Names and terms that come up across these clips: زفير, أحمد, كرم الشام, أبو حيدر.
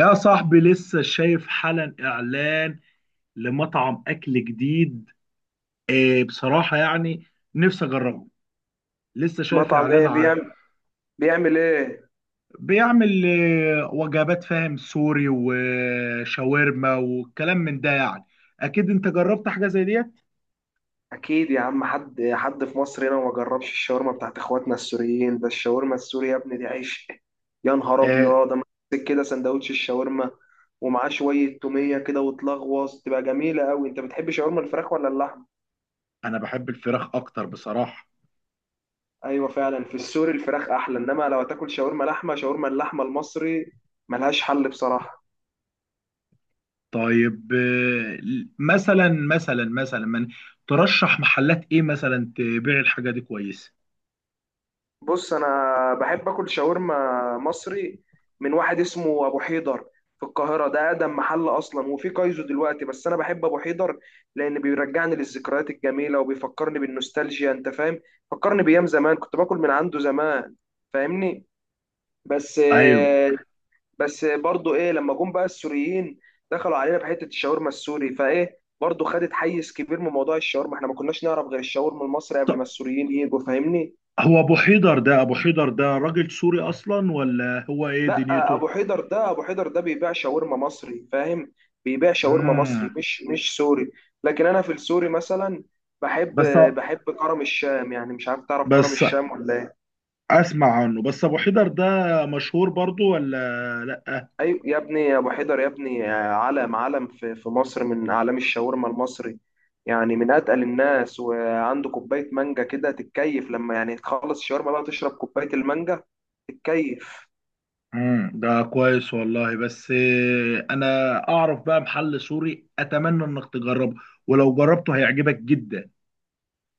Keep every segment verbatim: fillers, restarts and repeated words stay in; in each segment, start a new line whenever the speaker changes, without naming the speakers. يا صاحبي لسه شايف حالا اعلان لمطعم اكل جديد. إيه، بصراحة يعني نفسي اجربه. لسه شايف
مطعم
اعلان
ايه
عنه.
بيعمل؟ بيعمل ايه؟
بيعمل إيه، وجبات فاهم، سوري وشاورما والكلام من ده، يعني اكيد انت جربت حاجة زي ديت.
اكيد يا عم، حد حد في مصر هنا ما جربش الشاورما بتاعت اخواتنا السوريين. ده الشاورما السوري يا ابني دي عيش. يا نهار
آه،
ابيض، اما تمسك كده سندوتش الشاورما ومعاه شويه توميه كده وتلغوص، تبقى جميله قوي. انت بتحب شاورما الفراخ ولا اللحمه؟
انا بحب الفراخ اكتر بصراحة.
ايوه فعلا في السوري الفراخ احلى، انما لو هتاكل شاورما لحمه، شاورما اللحمه المصري ملهاش حل بصراحه.
طيب. آه، مثلا مثلا مثلا من ترشح محلات ايه مثلا تبيع الحاجة دي كويسة؟
بص، انا بحب اكل شاورما مصري من واحد اسمه ابو حيدر في القاهره. ده اقدم محل اصلا، وفي كايزو دلوقتي، بس انا بحب ابو حيدر لان بيرجعني للذكريات الجميله وبيفكرني بالنوستالجيا. انت فاهم؟ فكرني بايام زمان كنت باكل من عنده زمان. فاهمني؟ بس
ايوه.
بس برضو ايه، لما جم بقى السوريين دخلوا علينا بحته الشاورما السوري، فايه برضو خدت حيز كبير من موضوع الشاورما. احنا ما كناش نعرف غير الشاورما المصري قبل ما السوريين يجوا، فاهمني؟
هو ابو حيدر ده، ابو حيدر ده راجل سوري اصلا ولا هو ايه
لا،
دنيته؟
ابو حيدر ده ابو حيدر ده بيبيع شاورما مصري، فاهم؟ بيبيع شاورما مصري،
امم.
مش مش سوري. لكن انا في السوري مثلا بحب،
بس.
بحب كرم الشام. يعني مش عارف، تعرف كرم
بس
الشام ولا ايه؟
اسمع عنه بس. ابو حيدر ده مشهور برضو ولا لا؟
ايوه يا ابني، يا ابو حيدر يا ابني، علم علم في في مصر، من اعلام الشاورما المصري. يعني من اتقل الناس، وعنده كوبايه مانجا كده تتكيف، لما يعني تخلص الشاورما بقى تشرب كوبايه المانجا تتكيف.
امم، ده كويس والله. بس آه، انا اعرف بقى محل سوري، اتمنى انك تجربه، ولو جربته هيعجبك جدا.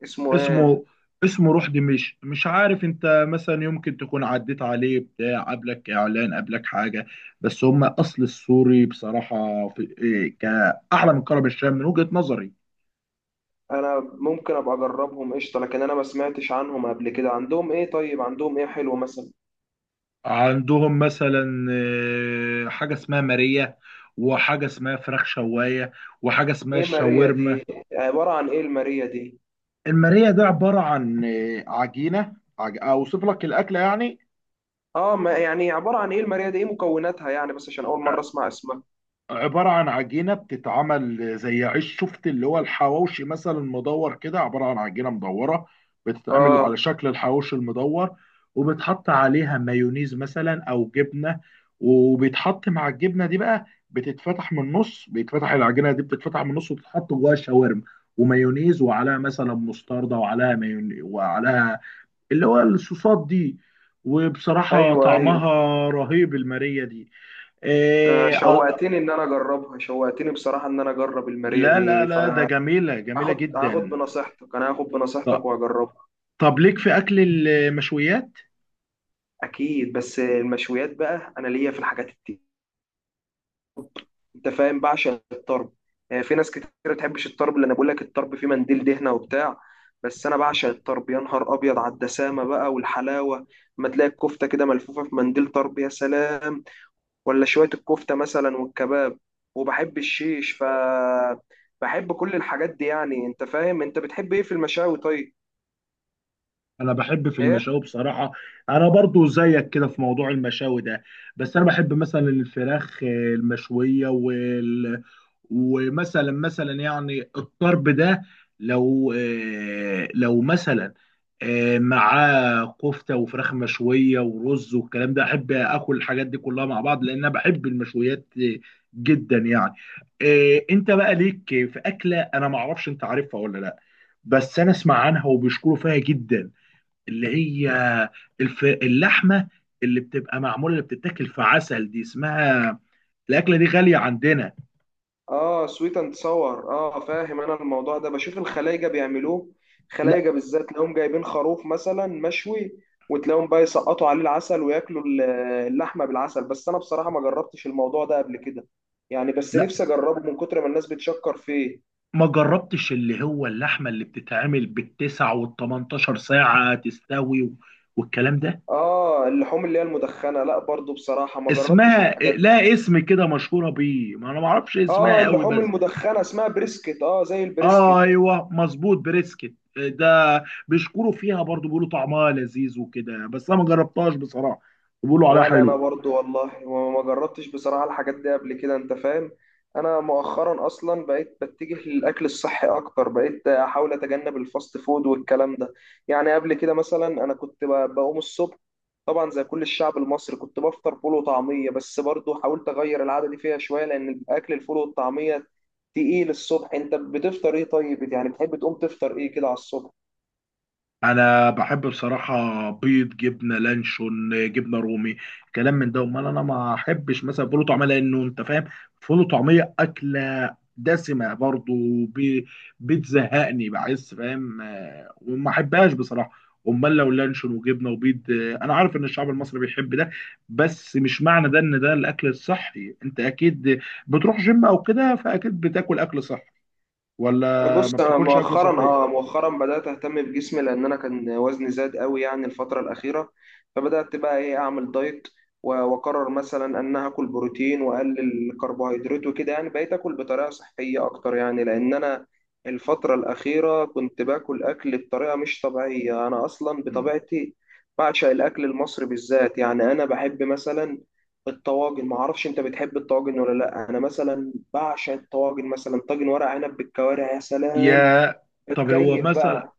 اسمه ايه؟
اسمه، اسمه روح دمشق. مش عارف، انت مثلا يمكن تكون عديت عليه، بتاع قبلك اعلان قبلك حاجه. بس هم اصل السوري بصراحه في إيه كاعلى من كرم الشام من وجهه نظري.
انا ممكن ابقى اجربهم قشطه، لكن انا ما سمعتش عنهم قبل كده. عندهم ايه طيب؟ عندهم ايه حلو مثلا؟
عندهم مثلا آه، حاجه اسمها ماريا، وحاجه اسمها فراخ شوايه، وحاجه اسمها
ايه ماريا
الشاورما.
دي؟ عباره عن ايه الماريا دي؟
الماريا ده عباره عن آه، عجينه. عج... اوصف لك الاكله يعني.
اه، ما يعني عباره عن ايه الماريا دي؟ ايه مكوناتها يعني؟ بس عشان اول مره اسمع اسمها.
عبارة عن عجينة بتتعمل زي عيش، شفت اللي هو الحواوشي مثلا، مدور كده. عبارة عن عجينة مدورة بتتعمل على
اه،
شكل الحواوشي المدور، وبتحط عليها مايونيز مثلا أو جبنة. وبيتحط مع الجبنة دي بقى، بتتفتح من النص، بيتفتح العجينة دي، بتتفتح من النص وتتحط جواها شاورما ومايونيز، وعليها مثلا مستردة، وعليها مايونيز، وعليها اللي هو الصوصات دي. وبصراحة
ايوه ايوه.
طعمها رهيب، المارية دي.
أنت
آه،
شوقتني ان انا اجربها، شوقتني بصراحه ان انا اجرب الماريا
لا لا
دي.
لا، ده جميلة، جميلة
فهاخد، هاخد
جدا.
بنصيحتك، انا هاخد بنصيحتك
طب،
واجربها.
طب ليك في أكل المشويات؟
اكيد، بس المشويات بقى انا ليا في الحاجات. انت فاهم؟ بعشق الطرب. آه، في ناس كتير ما بتحبش الطرب، لان انا بقول لك الطرب فيه منديل دهنه وبتاع، بس انا بعشق الطرب. يا نهار ابيض على الدسامه بقى والحلاوه، ما تلاقي الكفته كده ملفوفه في منديل طرب، يا سلام. ولا شويه الكفته مثلا والكباب، وبحب الشيش. ف بحب كل الحاجات دي يعني. انت فاهم؟ انت بتحب ايه في المشاوي طيب؟
أنا بحب في
ايه؟
المشاوي بصراحة. أنا برضو زيك كده في موضوع المشاوي ده. بس أنا بحب مثلا الفراخ المشوية. ومثلا مثلا يعني الطرب ده، لو آه، لو مثلا آه، معاه كفته وفراخ مشويه ورز والكلام ده، احب اكل الحاجات دي كلها مع بعض، لان انا بحب المشويات آه، جدا يعني. آه، انت بقى ليك في اكله انا ما اعرفش انت عارفها ولا لا، بس انا اسمع عنها وبيشكروا فيها جدا، اللي هي الف... اللحمه اللي بتبقى معموله، اللي بتتاكل في عسل دي، اسمها، الاكله دي غاليه عندنا.
اه، سويت اند صور. اه فاهم، انا الموضوع ده بشوف الخلايجه بيعملوه. خلايجه بالذات تلاقيهم جايبين خروف مثلا مشوي، وتلاقيهم بقى يسقطوا عليه العسل وياكلوا ال- اللحمه بالعسل. بس انا بصراحه ما جربتش الموضوع ده قبل كده، يعني بس
لا،
نفسي اجربه من كتر ما الناس بتشكر فيه.
ما جربتش اللي هو اللحمه اللي بتتعمل بالتسع والتمنتاشر ساعه تستوي و- والكلام ده،
اه، اللحوم اللي هي المدخنه، لا برضو بصراحه ما جربتش
اسمها
الحاجات دي.
لا اسم كده مشهوره بيه، ما انا ما اعرفش
اه،
اسمها قوي
اللحوم
بس.
المدخنه اسمها بريسكت، اه زي
آه
البريسكت.
ايوه، مظبوط، بريسكت ده. بيشكروا فيها برضو، بيقولوا طعمها لذيذ وكده، بس انا ما جربتهاش بصراحه. بيقولوا عليها
ولا انا
حلو.
برضو والله، وما جربتش بصراحة الحاجات دي قبل كده. انت فاهم؟ انا مؤخرا اصلا بقيت بتجه للاكل الصحي اكتر، بقيت احاول اتجنب الفاست فود والكلام ده. يعني قبل كده مثلا انا كنت ب- بقوم الصبح طبعا زي كل الشعب المصري كنت بفطر فول وطعمية، بس برضو حاولت اغير العادة دي فيها شوية، لان اكل الفول والطعمية تقيل الصبح. انت بتفطر ايه طيب؟ يعني بتحب تقوم تفطر ايه كده على الصبح؟
انا بحب بصراحه بيض، جبنه لانشون، جبنه رومي، كلام من ده. امال انا ما احبش مثلا فول وطعميه، لانه انت فاهم، فول وطعميه اكله دسمه برضو، بي- بتزهقني، بحس فاهم آه، وما احبهاش بصراحه. امال لو لانشون وجبنه وبيض آه، انا عارف ان الشعب المصري بيحب ده، بس مش معنى ده ان ده الاكل الصحي. انت اكيد بتروح جيم او كده، فاكيد بتاكل اكل صحي ولا
بص،
ما
انا
بتاكلش اكل
مؤخرا،
صحي؟
اه مؤخرا بدات اهتم بجسمي لان انا كان وزني زاد قوي يعني الفتره الاخيره، فبدات بقى ايه اعمل دايت، و- واقرر مثلا ان أنا هاكل بروتين واقلل الكربوهيدرات وكده. يعني بقيت اكل بطريقه صحيه اكتر، يعني لان انا الفتره الاخيره كنت باكل اكل بطريقه مش طبيعيه. انا اصلا
مم.
بطبيعتي بعشق الاكل المصري بالذات. يعني انا بحب مثلا الطواجن، ما اعرفش انت بتحب الطواجن ولا لا. انا مثلا بعشق الطواجن، مثلا طاجن ورق عنب بالكوارع، يا سلام،
يا، طب هو
بتكيف
مثلا
بقى.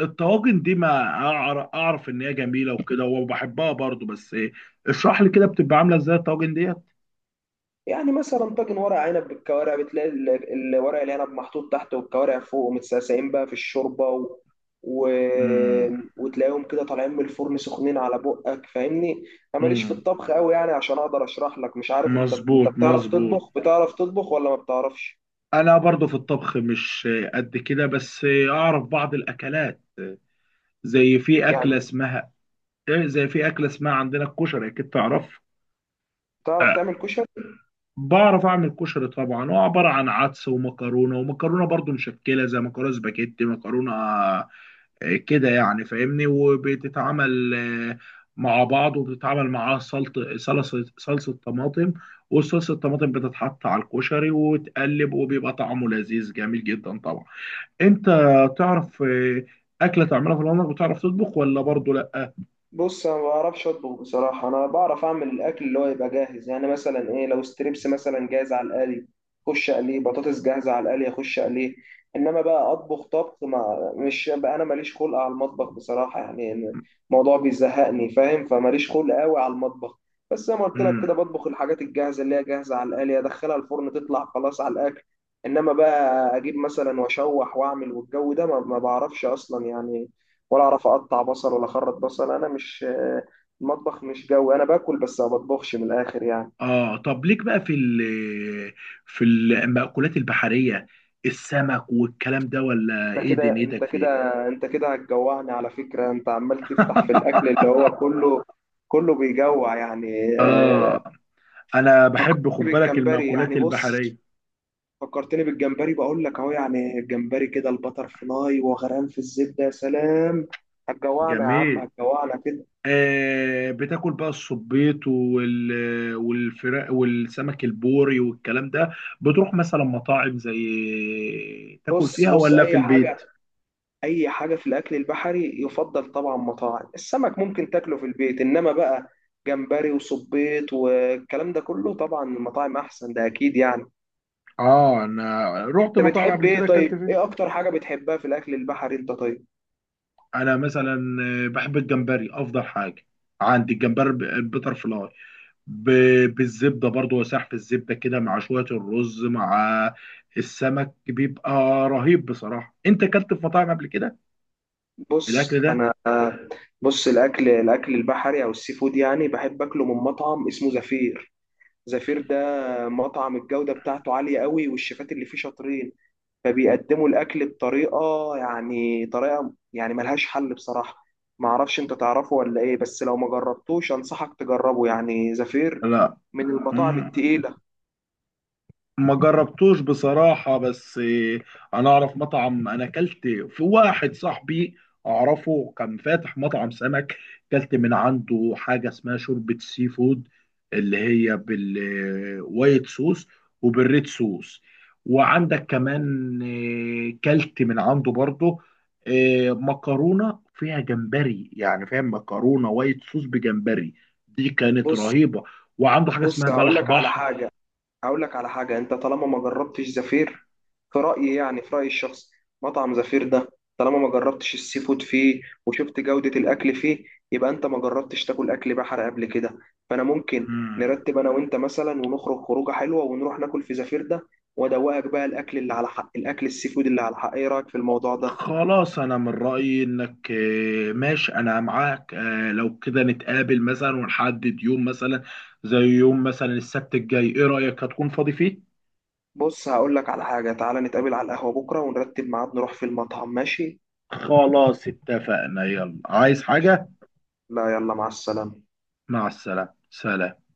الطواجن دي، ما أعر- اعرف ان هي جميله وكده وبحبها برضو، بس إيه، اشرح لي كده بتبقى عامله ازاي الطواجن ديت.
يعني مثلا طاجن ورق عنب بالكوارع بتلاقي ال- ال- ورق العنب محطوط تحت والكوارع فوق متسقسقين بقى في الشوربه، و... و... وتلاقيهم كده طالعين من الفرن سخنين على بقك. فاهمني؟ انا ماليش في
مم.
الطبخ قوي يعني عشان اقدر اشرح لك. مش عارف انت، انت
مظبوط،
بتعرف
مظبوط.
تطبخ، بتعرف تطبخ ولا ما بتعرفش
انا برضو في الطبخ مش قد كده، بس اعرف بعض الاكلات، زي في اكله
يعني؟
اسمها إيه، زي في اكله اسمها عندنا، الكشري اكيد تعرف.
بتعرف
آه،
تعمل كشري؟
بعرف اعمل كشري طبعا. هو عباره عن عدس ومكرونه، ومكرونه برضو مشكله زي مكرونه سباجيتي، مكرونه كده يعني فاهمني. وبتتعمل آه، مع بعض، وبتتعمل معاها سلطة صلصة، صلصة طماطم، والصلصة الطماطم بتتحط على الكشري وتقلب، وبيبقى طعمه لذيذ جميل جدا طبعا. انت تعرف آه، أكلة تعملها في العمر؟ بتعرف تطبخ ولا برضه لا؟
بص، انا ما بعرفش اطبخ بصراحه. انا بعرف اعمل الاكل اللي هو يبقى جاهز، يعني مثلا ايه، لو ستريبس مثلا جاهز على القلي اخش اقليه، بطاطس جاهزه على القلي اخش اقليه. انما بقى اطبخ طبخ، ما مش بقى، انا ماليش خلق على المطبخ بصراحه يعني. الموضوع بيزهقني، فاهم؟ فماليش خلق قوي على المطبخ. بس زي ما قلت لك كده،
امم.
بطبخ الحاجات الجاهزه اللي هي جاهزه على القلي، ادخلها الفرن تطلع خلاص على الاكل. انما بقى اجيب مثلا واشوح واعمل والجو ده، ما ما بعرفش اصلا يعني. ولا اعرف اقطع بصل، ولا اخرط بصل. انا مش، المطبخ مش جوي، انا باكل بس ما بطبخش، من الاخر يعني.
اه طب ليك بقى في ال في المأكولات البحرية، السمك والكلام ده، ولا
انت
ايه
كده انت
دنيتك
كده
فيه؟
انت كده هتجوعني على فكرة. انت عمال تفتح في الاكل، اللي هو كله كله بيجوع يعني. آه،
اه، انا بحب
فكرتني
خد بالك
بالجمبري،
المأكولات
يعني
البحرية.
بص، فكرتني بالجمبري بقول لك اهو. يعني الجمبري كده البتر فلاي وغرقان في الزبدة، يا سلام. هتجوعنا يا عم،
جميل.
هتجوعنا كده.
آه، بتاكل بقى الصبيط وال والفراخ والسمك البوري والكلام ده؟ بتروح مثلا مطاعم زي تاكل
بص
فيها
بص
ولا في
اي حاجة،
البيت؟
اي حاجه في الاكل البحري يفضل طبعا مطاعم السمك، ممكن تاكله في البيت، انما بقى جمبري وصبيط والكلام ده كله طبعا المطاعم احسن، ده اكيد يعني.
اه انا رحت
انت
مطاعم
بتحب
قبل
ايه
كده، اكلت
طيب؟ ايه
فيه.
اكتر حاجه بتحبها في الاكل البحري انت طيب؟
انا مثلا آه، بحب الجمبري افضل حاجة عندي، الجمبري البيتر فلاي، ب- بالزبده برضو، وسحب الزبده كده مع شويه الرز مع السمك، بيبقى رهيب بصراحه. انت اكلت في مطاعم قبل كده الاكل
بص
ده؟
انا، بص الاكل، الاكل البحري او السي فود يعني، بحب اكله من مطعم اسمه زفير. زفير ده مطعم الجوده بتاعته عاليه قوي، والشيفات اللي فيه شاطرين، فبيقدموا الاكل بطريقه، يعني طريقه يعني ملهاش حل بصراحه. ما اعرفش انت تعرفه ولا ايه، بس لو ما جربتوش انصحك تجربه. يعني زفير من المطاعم
لا،
التقيله.
ما جربتوش بصراحة. بس إيه، أنا أعرف مطعم، أنا أكلت في واحد صاحبي أعرفه كان فاتح مطعم سمك، أكلت من عنده حاجة اسمها شوربة سي فود، اللي هي بالوايت صوص وبالريد صوص. وعندك كمان إيه، كلت من عنده برضه إيه، مكرونة فيها جمبري، يعني فاهم، مكرونة وايت صوص بجمبري، دي كانت
بص
رهيبة. وعنده حاجة
بص
اسمها
هقول
بلح
لك على
بحر.
حاجه، هقول لك على حاجة، انت طالما ما جربتش زفير، في رأيي، يعني في رأيي الشخصي، مطعم زفير ده، طالما ما جربتش السي فود فيه وشفت جودة الأكل فيه، يبقى انت ما جربتش تاكل أكل بحر قبل كده. فأنا ممكن
مم.
نرتب أنا وأنت مثلا، ونخرج خروجة حلوة، ونروح ناكل في زفير ده، وأدوقك بقى الأكل اللي على حق، الأكل السي فود اللي على حق. إيه رأيك في الموضوع ده؟
خلاص، انا من رأيي انك آه، ماشي، انا معاك. آه، لو كده نتقابل مثلا ونحدد يوم، مثلا زي يوم مثلا السبت الجاي، ايه رأيك؟ هتكون فاضي فيه؟
بص هقول لك على حاجة، تعالى نتقابل على القهوة بكرة ونرتب ميعاد نروح في المطعم، ماشي؟
خلاص، اتفقنا. يلا، عايز حاجة؟
لا، يلا، مع السلامة.
مع السلامة، سلام.